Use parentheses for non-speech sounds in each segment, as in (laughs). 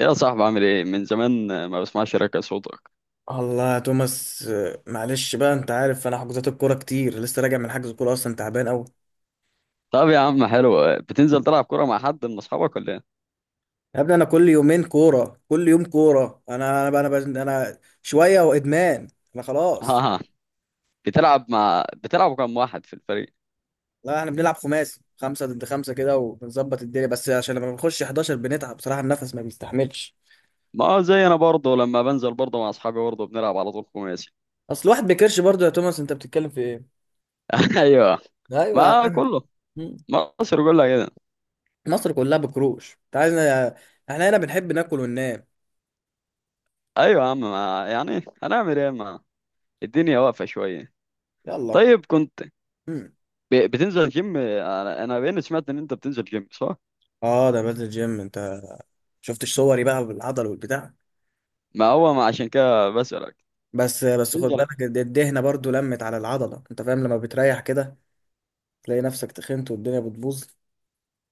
يا صاحبي، عامل ايه؟ من زمان ما بسمعش ركع صوتك. الله يا توماس معلش بقى، انت عارف انا حجوزات الكوره كتير، لسه راجع من حجز كوره، اصلا تعبان قوي. طب يا عم، حلو. بتنزل تلعب كرة مع حد من اصحابك ولا ايه؟ يا ابني انا كل يومين كوره، كل يوم كوره، انا انا بقى انا, بقى أنا شويه وادمان. انا (laughs) خلاص. اه. بتلعب كم واحد في الفريق؟ لا، احنا بنلعب خماسي، خمسه ضد خمسه كده، وبنظبط الدنيا، بس عشان لما بنخش 11 بنتعب بصراحه، النفس ما بيستحملش. ما هو زي انا برضه لما بنزل برضه مع اصحابي برضه بنلعب على طول خماسي. اصل الواحد بيكرش برضه يا توماس، انت بتتكلم في ايه؟ (laughs) ايوه، ايوه يا ما عم. كله. مم. مصر كلها كده. مصر كلها بكروش، انت عايزنا؟ احنا هنا بنحب ناكل وننام. ايوه يا عم، ما يعني هنعمل ايه؟ ما الدنيا واقفة شوية. يلا. طيب، كنت مم. بتنزل جيم. انا بين سمعت ان انت بتنزل جيم، صح؟ اه، ده بنزل جيم. انت شفتش صوري بقى بالعضل والبتاع؟ ما هو ما عشان كده بسألك. بس بس خد تنزل. بالك، الدهنه برضو لمت على العضله، انت فاهم؟ لما بتريح كده تلاقي نفسك تخنت والدنيا بتبوظ.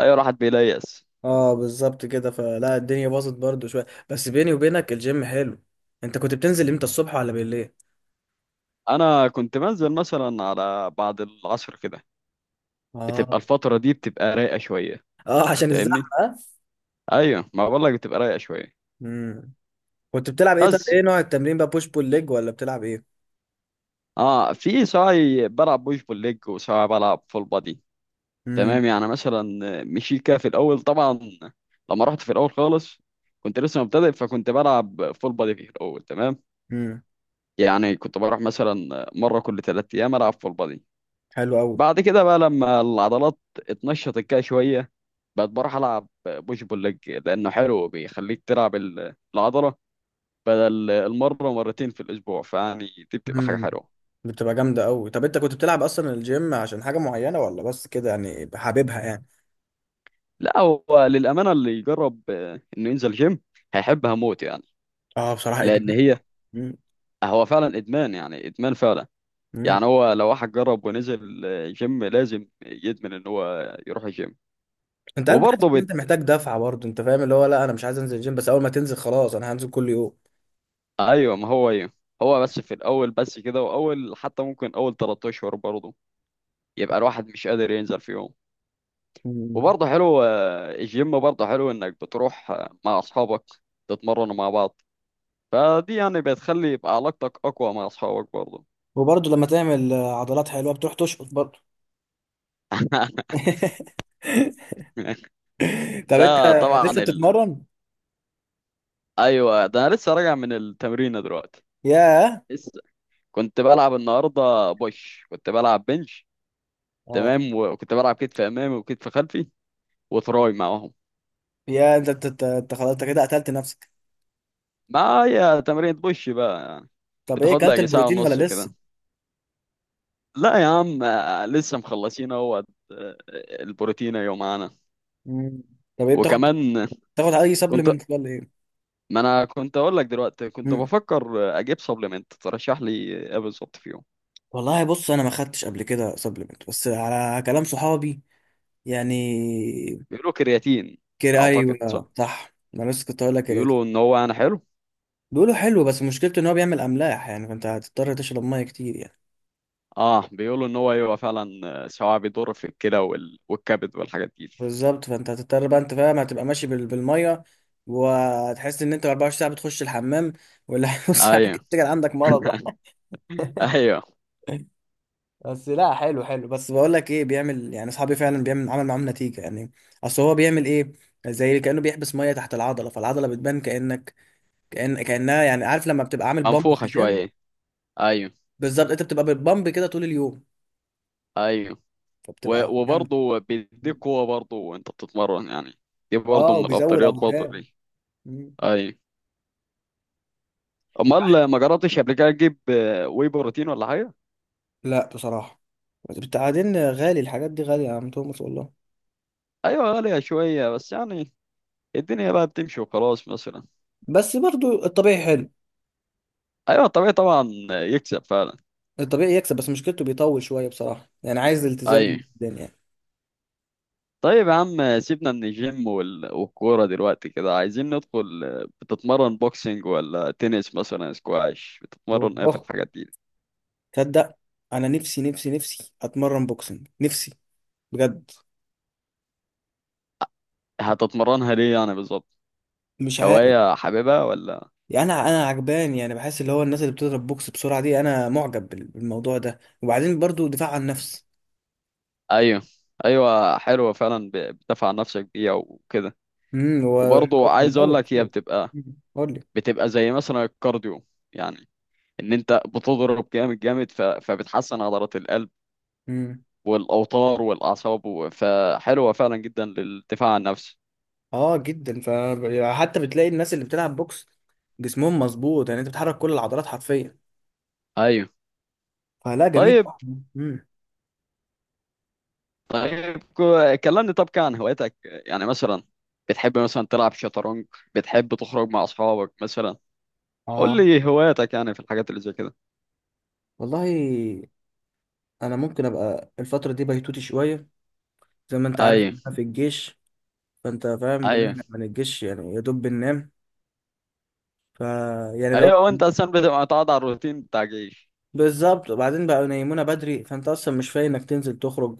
ايوه، راحت بيليس. اه بالظبط كده، فلا الدنيا باظت برضو شويه، بس بيني وبينك الجيم حلو. انت كنت بتنزل امتى، الصبح ولا بالليل؟ انا كنت بنزل مثلا على بعد العصر كده. بتبقى اه. الفتره دي بتبقى رايقه شويه. اه، عشان الزحمه فاهمني؟ ها؟ ايوه، ما بقول لك بتبقى رايقه شويه. امم. كنت بتلعب ايه؟ طب بس، ايه نوع التمرين بقى، بوش بول ليج ولا بتلعب ايه؟ اه، في ساعي بلعب بوش بول ليج وساعي بلعب فول بادي. امم. تمام، يعني مثلا مشيت كده في الاول طبعا. لما رحت في الاول خالص كنت لسه مبتدئ، فكنت بلعب فول بادي في الاول، تمام. امم. يعني كنت بروح مثلا مره كل 3 ايام العب فول بادي. حلو قوي. بعد كده بقى لما العضلات اتنشطت كده شويه، بقت بروح العب بوش بول ليج لانه حلو بيخليك تلعب العضله بدل المره مرتين في الاسبوع، فيعني دي بتبقى حاجه امم. حلوه. بتبقى جامده قوي. طب انت كنت بتلعب اصلا الجيم عشان حاجه معينه، ولا بس كده يعني حاببها يعني؟ لا، هو للامانه اللي يجرب انه ينزل جيم، هيحبها موت يعني. اه بصراحه لان ادمان. هي مم. هو فعلا ادمان، يعني ادمان فعلا. مم. يعني هو لو واحد جرب ونزل جيم، لازم يدمن ان هو يروح الجيم. انت عارف، بتحس وبرضه ان انت محتاج دفعه برضه، انت فاهم؟ اللي هو لا انا مش عايز انزل الجيم، بس اول ما تنزل خلاص انا هنزل كل يوم. ايوه، ما هو ايه. هو بس في الاول بس كده، واول حتى ممكن اول 3 اشهر برضه يبقى الواحد مش قادر ينزل فيهم. مم. وبرضه حلو، الجيم برضه حلو انك بتروح مع اصحابك تتمرنوا مع بعض. فدي يعني بتخلي يبقى علاقتك اقوى مع اصحابك برضه. وبرضه لما تعمل عضلات حلوه بتروح تشقط برضه. (laughs) (laughs) طب انت ده طبعا لسه بتتمرن؟ ايوه، ده انا لسه راجع من التمرين دلوقتي. ياه. لسه كنت بلعب النهارده بوش، كنت بلعب بنش. اه. تمام، وكنت بلعب كتف امامي وكتف خلفي وتراي معاهم. يا انت خلاص، انت كده قتلت نفسك. معايا تمرين بوش بقى يعني، طب ايه، بتاخد لها اكلت يجي ساعه البروتين ونص ولا لسه؟ كده. لا يا عم، لسه مخلصين اهوت. آه، البروتين يوم. مم. طب ايه بتاخد، وكمان بتاخد اي كنت. سبلمنت ولا ايه؟ ما انا كنت اقول لك دلوقتي كنت مم. بفكر اجيب سبلمنت، ترشح لي ايه بالظبط فيهم؟ والله بص، انا ما خدتش قبل كده سبلمنت، بس على كلام صحابي يعني. بيقولوا كرياتين، كده اعتقد ايوه صح. صح، انا لسه كنت هقول لك كده دي. بيقولوا ان هو انا حلو. بيقولوا حلو، بس مشكلته ان هو بيعمل املاح يعني، فانت هتضطر تشرب ميه كتير يعني. اه، بيقولوا ان هو ايوه فعلا. سواء بيضر في الكلى والكبد والحاجات دي. بالظبط، فانت هتضطر بقى، انت فاهم، هتبقى ماشي بالميه، وهتحس ان انت 24 ساعه بتخش الحمام، ولا (laughs) نص ساعه ايوه. كده تفتكر (laughs) عندك مرض. (laughs) ايوه، بس لا، حلو حلو، بس بقول لك ايه، بيعمل يعني، اصحابي فعلا بيعمل، عمل معاهم نتيجه يعني. اصل هو بيعمل ايه؟ زي كانه بيحبس ميه تحت العضله، فالعضله بتبان كانك، كانها يعني، عارف لما بتبقى عامل بامب في منفوخه الجيم؟ شويه. ايوه، بالظبط، انت بتبقى بالبامب كده طول اليوم، ايوه. فبتبقى. وبرضه بيديك قوه برضه وانت بتتمرن يعني، دي برضه اه، من وبيزود الافضليات برضه اوزان. ليه. مم. ايوه. انت امال عارف- ما جربتش قبل كده تجيب واي بروتين ولا حاجه؟ لا بصراحه، بعدين غالي، الحاجات دي غاليه يا عم توماس والله. ايوه، غالية شوية بس يعني الدنيا بقى بتمشي وخلاص مثلا. بس برضو الطبيعي حلو. ايوه، طبيعي طبعا يكسب فعلا. الطبيعي يكسب، بس مشكلته بيطول شويه بصراحه، يعني عايز التزام ايوه. جدا يعني. طيب يا عم، سيبنا من الجيم والكورة دلوقتي كده، عايزين ندخل. بتتمرن بوكسينج ولا تنس مثلا سكواش، هو بتتمرن ايه في اه، الحاجات دي؟ تصدق انا نفسي اتمرن بوكسنج، نفسي بجد. هتتمرنها ليه يعني بالظبط؟ مش عارف هواية حاببها ولا؟ يعني، انا عجبان يعني، بحس اللي هو الناس اللي بتضرب بوكس بسرعه دي، انا معجب بالموضوع ده، وبعدين برضو دفاع عن النفس. ايوه، ايوه، حلوة فعلا، بتدافع عن نفسك بيها وكده. و وبرضه عايز اقول لك هي (laughs) بتبقى قول لي. بتبقى زي مثلا الكارديو، يعني ان انت بتضرب جامد جامد، فبتحسن عضلات القلب امم. والاوتار والاعصاب، فحلوه فعلا جدا للدفاع عن النفسي. اه جدا، فحتى بتلاقي الناس اللي بتلعب بوكس جسمهم مظبوط، يعني انت بتحرك كل العضلات حرفيا. ايوه، فلا جميل. طيب. امم. طيب، كلمني طب عن هواياتك يعني مثلا. بتحب مثلا تلعب شطرنج؟ بتحب تخرج مع اصحابك مثلا؟ قول اه. لي هواياتك يعني في الحاجات اللي زي كده. والله انا ممكن ابقى الفتره دي بيتوتي شويه، زي ما انت عارف ايوه، احنا في الجيش، فانت فاهم ايوه، بنرجع من الجيش يعني يا دوب بننام. ف، يعني لو. ايوه، وانت اصلا بتبقى متعود على الروتين بتاع الجيش. بالظبط، وبعدين بقى ينيمونا بدري، فانت اصلا مش فايق انك تنزل تخرج،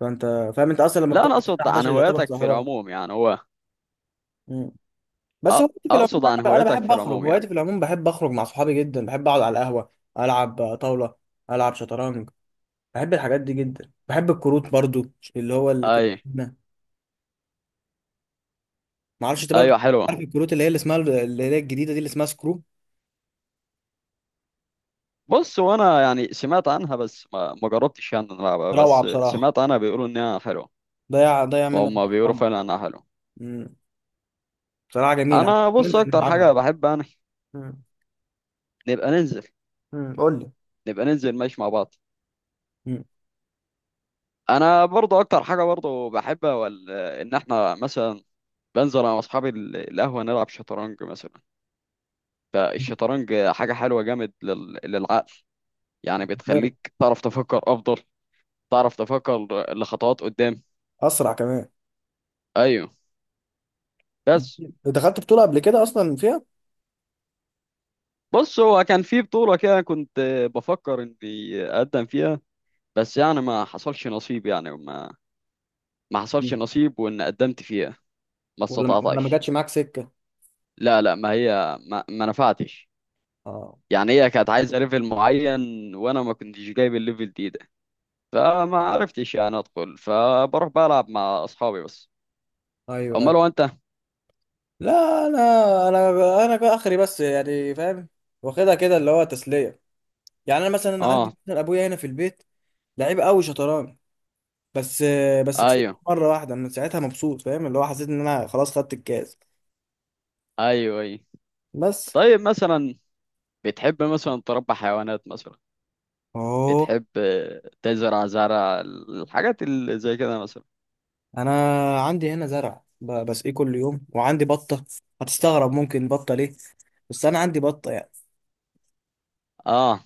فانت فاهم، انت اصلا لما لا، انا بتقعد الساعه اقصد عن 11 يعتبر هواياتك في سهران. العموم، يعني هو مم. بس أ- هوايتي في العموم، اقصد عن أنا هواياتك بحب في اخرج، العموم هوايتي يعني. في العموم بحب اخرج مع صحابي، جدا بحب اقعد على القهوه، العب طاوله، العب شطرنج، بحب الحاجات دي جدا، بحب الكروت برضو، اللي هو اللي كنت ايوه، ما اعرفش انت برضو، ايوه، حلوه. عارف الكروت اللي هي اللي اسمها، اللي هي الجديده دي اللي اسمها سكرو؟ بص، وانا يعني سمعت عنها، بس ما جربتش يعني إن أنا العبها، روعه بس بصراحه. سمعت عنها بيقولوا انها حلوه. ضيع ما منك هم بيقولوا عمر. فعلا انها حلوه. أمم. بصراحه جميله، انا بص ننزل اكتر نلعبها. حاجه بحب انا، أمم. نبقى ننزل أمم. قول لي. نبقى ننزل ماشي مع بعض. أمم. انا برضو اكتر حاجه برضو بحبها، ان احنا مثلا بنزل انا واصحابي القهوه نلعب شطرنج مثلا. فالشطرنج حاجه حلوه جامد للعقل، يعني غير. بتخليك تعرف تفكر افضل، تعرف تفكر لخطوات قدام. اسرع كمان. ايوه، بس. دخلت بطوله قبل كده اصلا فيها. بص، هو كان في بطولة كده، كنت بفكر إني أقدم فيها، بس يعني ما حصلش نصيب. يعني ما ما حصلش أمم. نصيب، وإن قدمت فيها ما ولا ما استطعتش. جاتش معاك سكه؟ لا لا، ما هي ما نفعتش. اه. يعني هي كانت عايزة ليفل معين، وأنا ما كنتش جايب الليفل دي ده، فما عرفتش يعني أدخل، فبروح بلعب مع أصحابي بس. ايوه أيوه. أمال هو أنت؟ لا، انا كده اخري بس يعني، فاهم، واخدها كده اللي هو تسليه. يعني انا مثلا عندي آه، مثلاً ابويا هنا في البيت، لعيب قوي شطرنج، بس بس كسبت أيوه، مره واحده، من ساعتها مبسوط، فاهم اللي هو حسيت ان انا خلاص خدت الكاس. أيوه، أيوه. بس. طيب، مثلا بتحب مثلا تربي حيوانات مثلا؟ اوه. بتحب تزرع زرع الحاجات اللي زي كده مثلا؟ انا عندي هنا زرع، بسقيه كل يوم، وعندي بطه. هتستغرب ممكن بطه ليه، بس انا عندي بطه يعني. اه،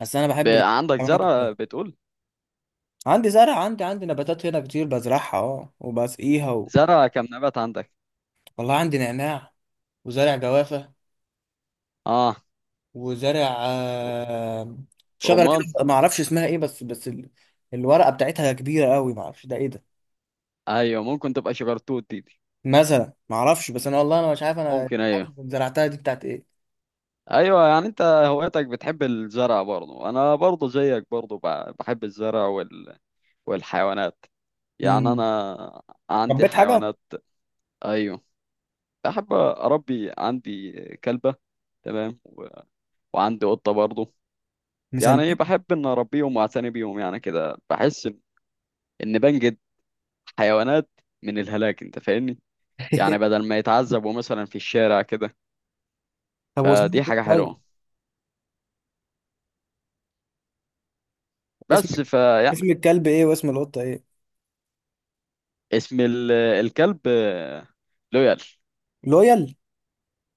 بس انا بحب عندك الحيوانات زرع أوي. بتقول؟ عندي زرع، عندي نباتات هنا كتير بزرعها، اه وبسقيها و... زرع كم نبات عندك؟ والله عندي نعناع، وزارع جوافة، اه، وزارع شجرة رمان. كده ما اعرفش اسمها ايه، بس الورقة بتاعتها كبيرة قوي، ما اعرفش ده ايه ده. ايوه، ممكن تبقى شجرتوت دي. مثلا ما اعرفش، بس انا والله انا مش عارف، انا ممكن، مش ايوه. عارف زرعتها دي بتاعت ايه. ايوه، يعني انت هوايتك بتحب الزرع برضه، انا برضه زيك برضه بحب الزرع والحيوانات، يعني امم. انا عندي ربيت حاجة؟ حيوانات. ايوه، بحب اربي، عندي كلبة، تمام، وعندي قطة برضه، يعني ايه، مسميها؟ بحب ان اربيهم واعتني بيهم، يعني كده بحس ان إن بنجد حيوانات من الهلاك، انت فاهمني؟ يعني (laughs) بدل ما يتعذبوا مثلا في الشارع كده، طب واسمها فدي ايه حاجة طيب؟ حلوة. اسم، بس، اسم الكلب ايه واسم القطة ايه؟ اسم الكلب لويال. لويال.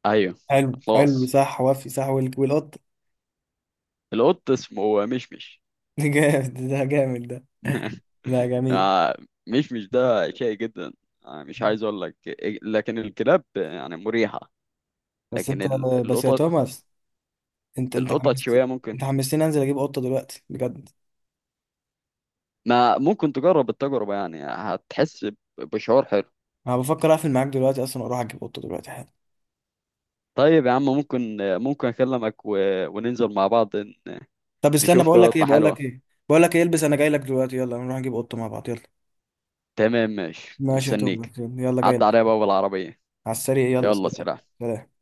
ايوه، حلو حلو خلاص، صح، وفي صح، والقطة؟ القط اسمه مشمش. (laughs) جامد ده، جامد ده. (laughs) لا جميل. آه، مشمش ده شيء جدا. مش عايز اقول لك إيه، لكن الكلاب يعني مريحة، بس لكن انت، ال- بس يا القطط توماس، انت انت القطط حمست، شوية ممكن. انت حمستني انزل اجيب قطة دلوقتي بجد. ما ممكن تجرب التجربة، يعني هتحس بشعور حلو. انا بفكر اقفل معاك دلوقتي اصلا واروح اجيب قطه دلوقتي حالا. طيب يا عم، ممكن أكلمك وننزل مع بعض طب استنى، نشوف بقول لك ايه قطة بقول لك حلوة. ايه بقول لك ايه، البس انا جاي لك دلوقتي، يلا نروح نجيب قطه مع بعض، يلا. تمام، ماشي، ماشي يا مستنيك. توماس، يلا جاي عدى لك. عليا بقى بالعربية. على السريع، يلا يلا، سلام. سلام. سلام.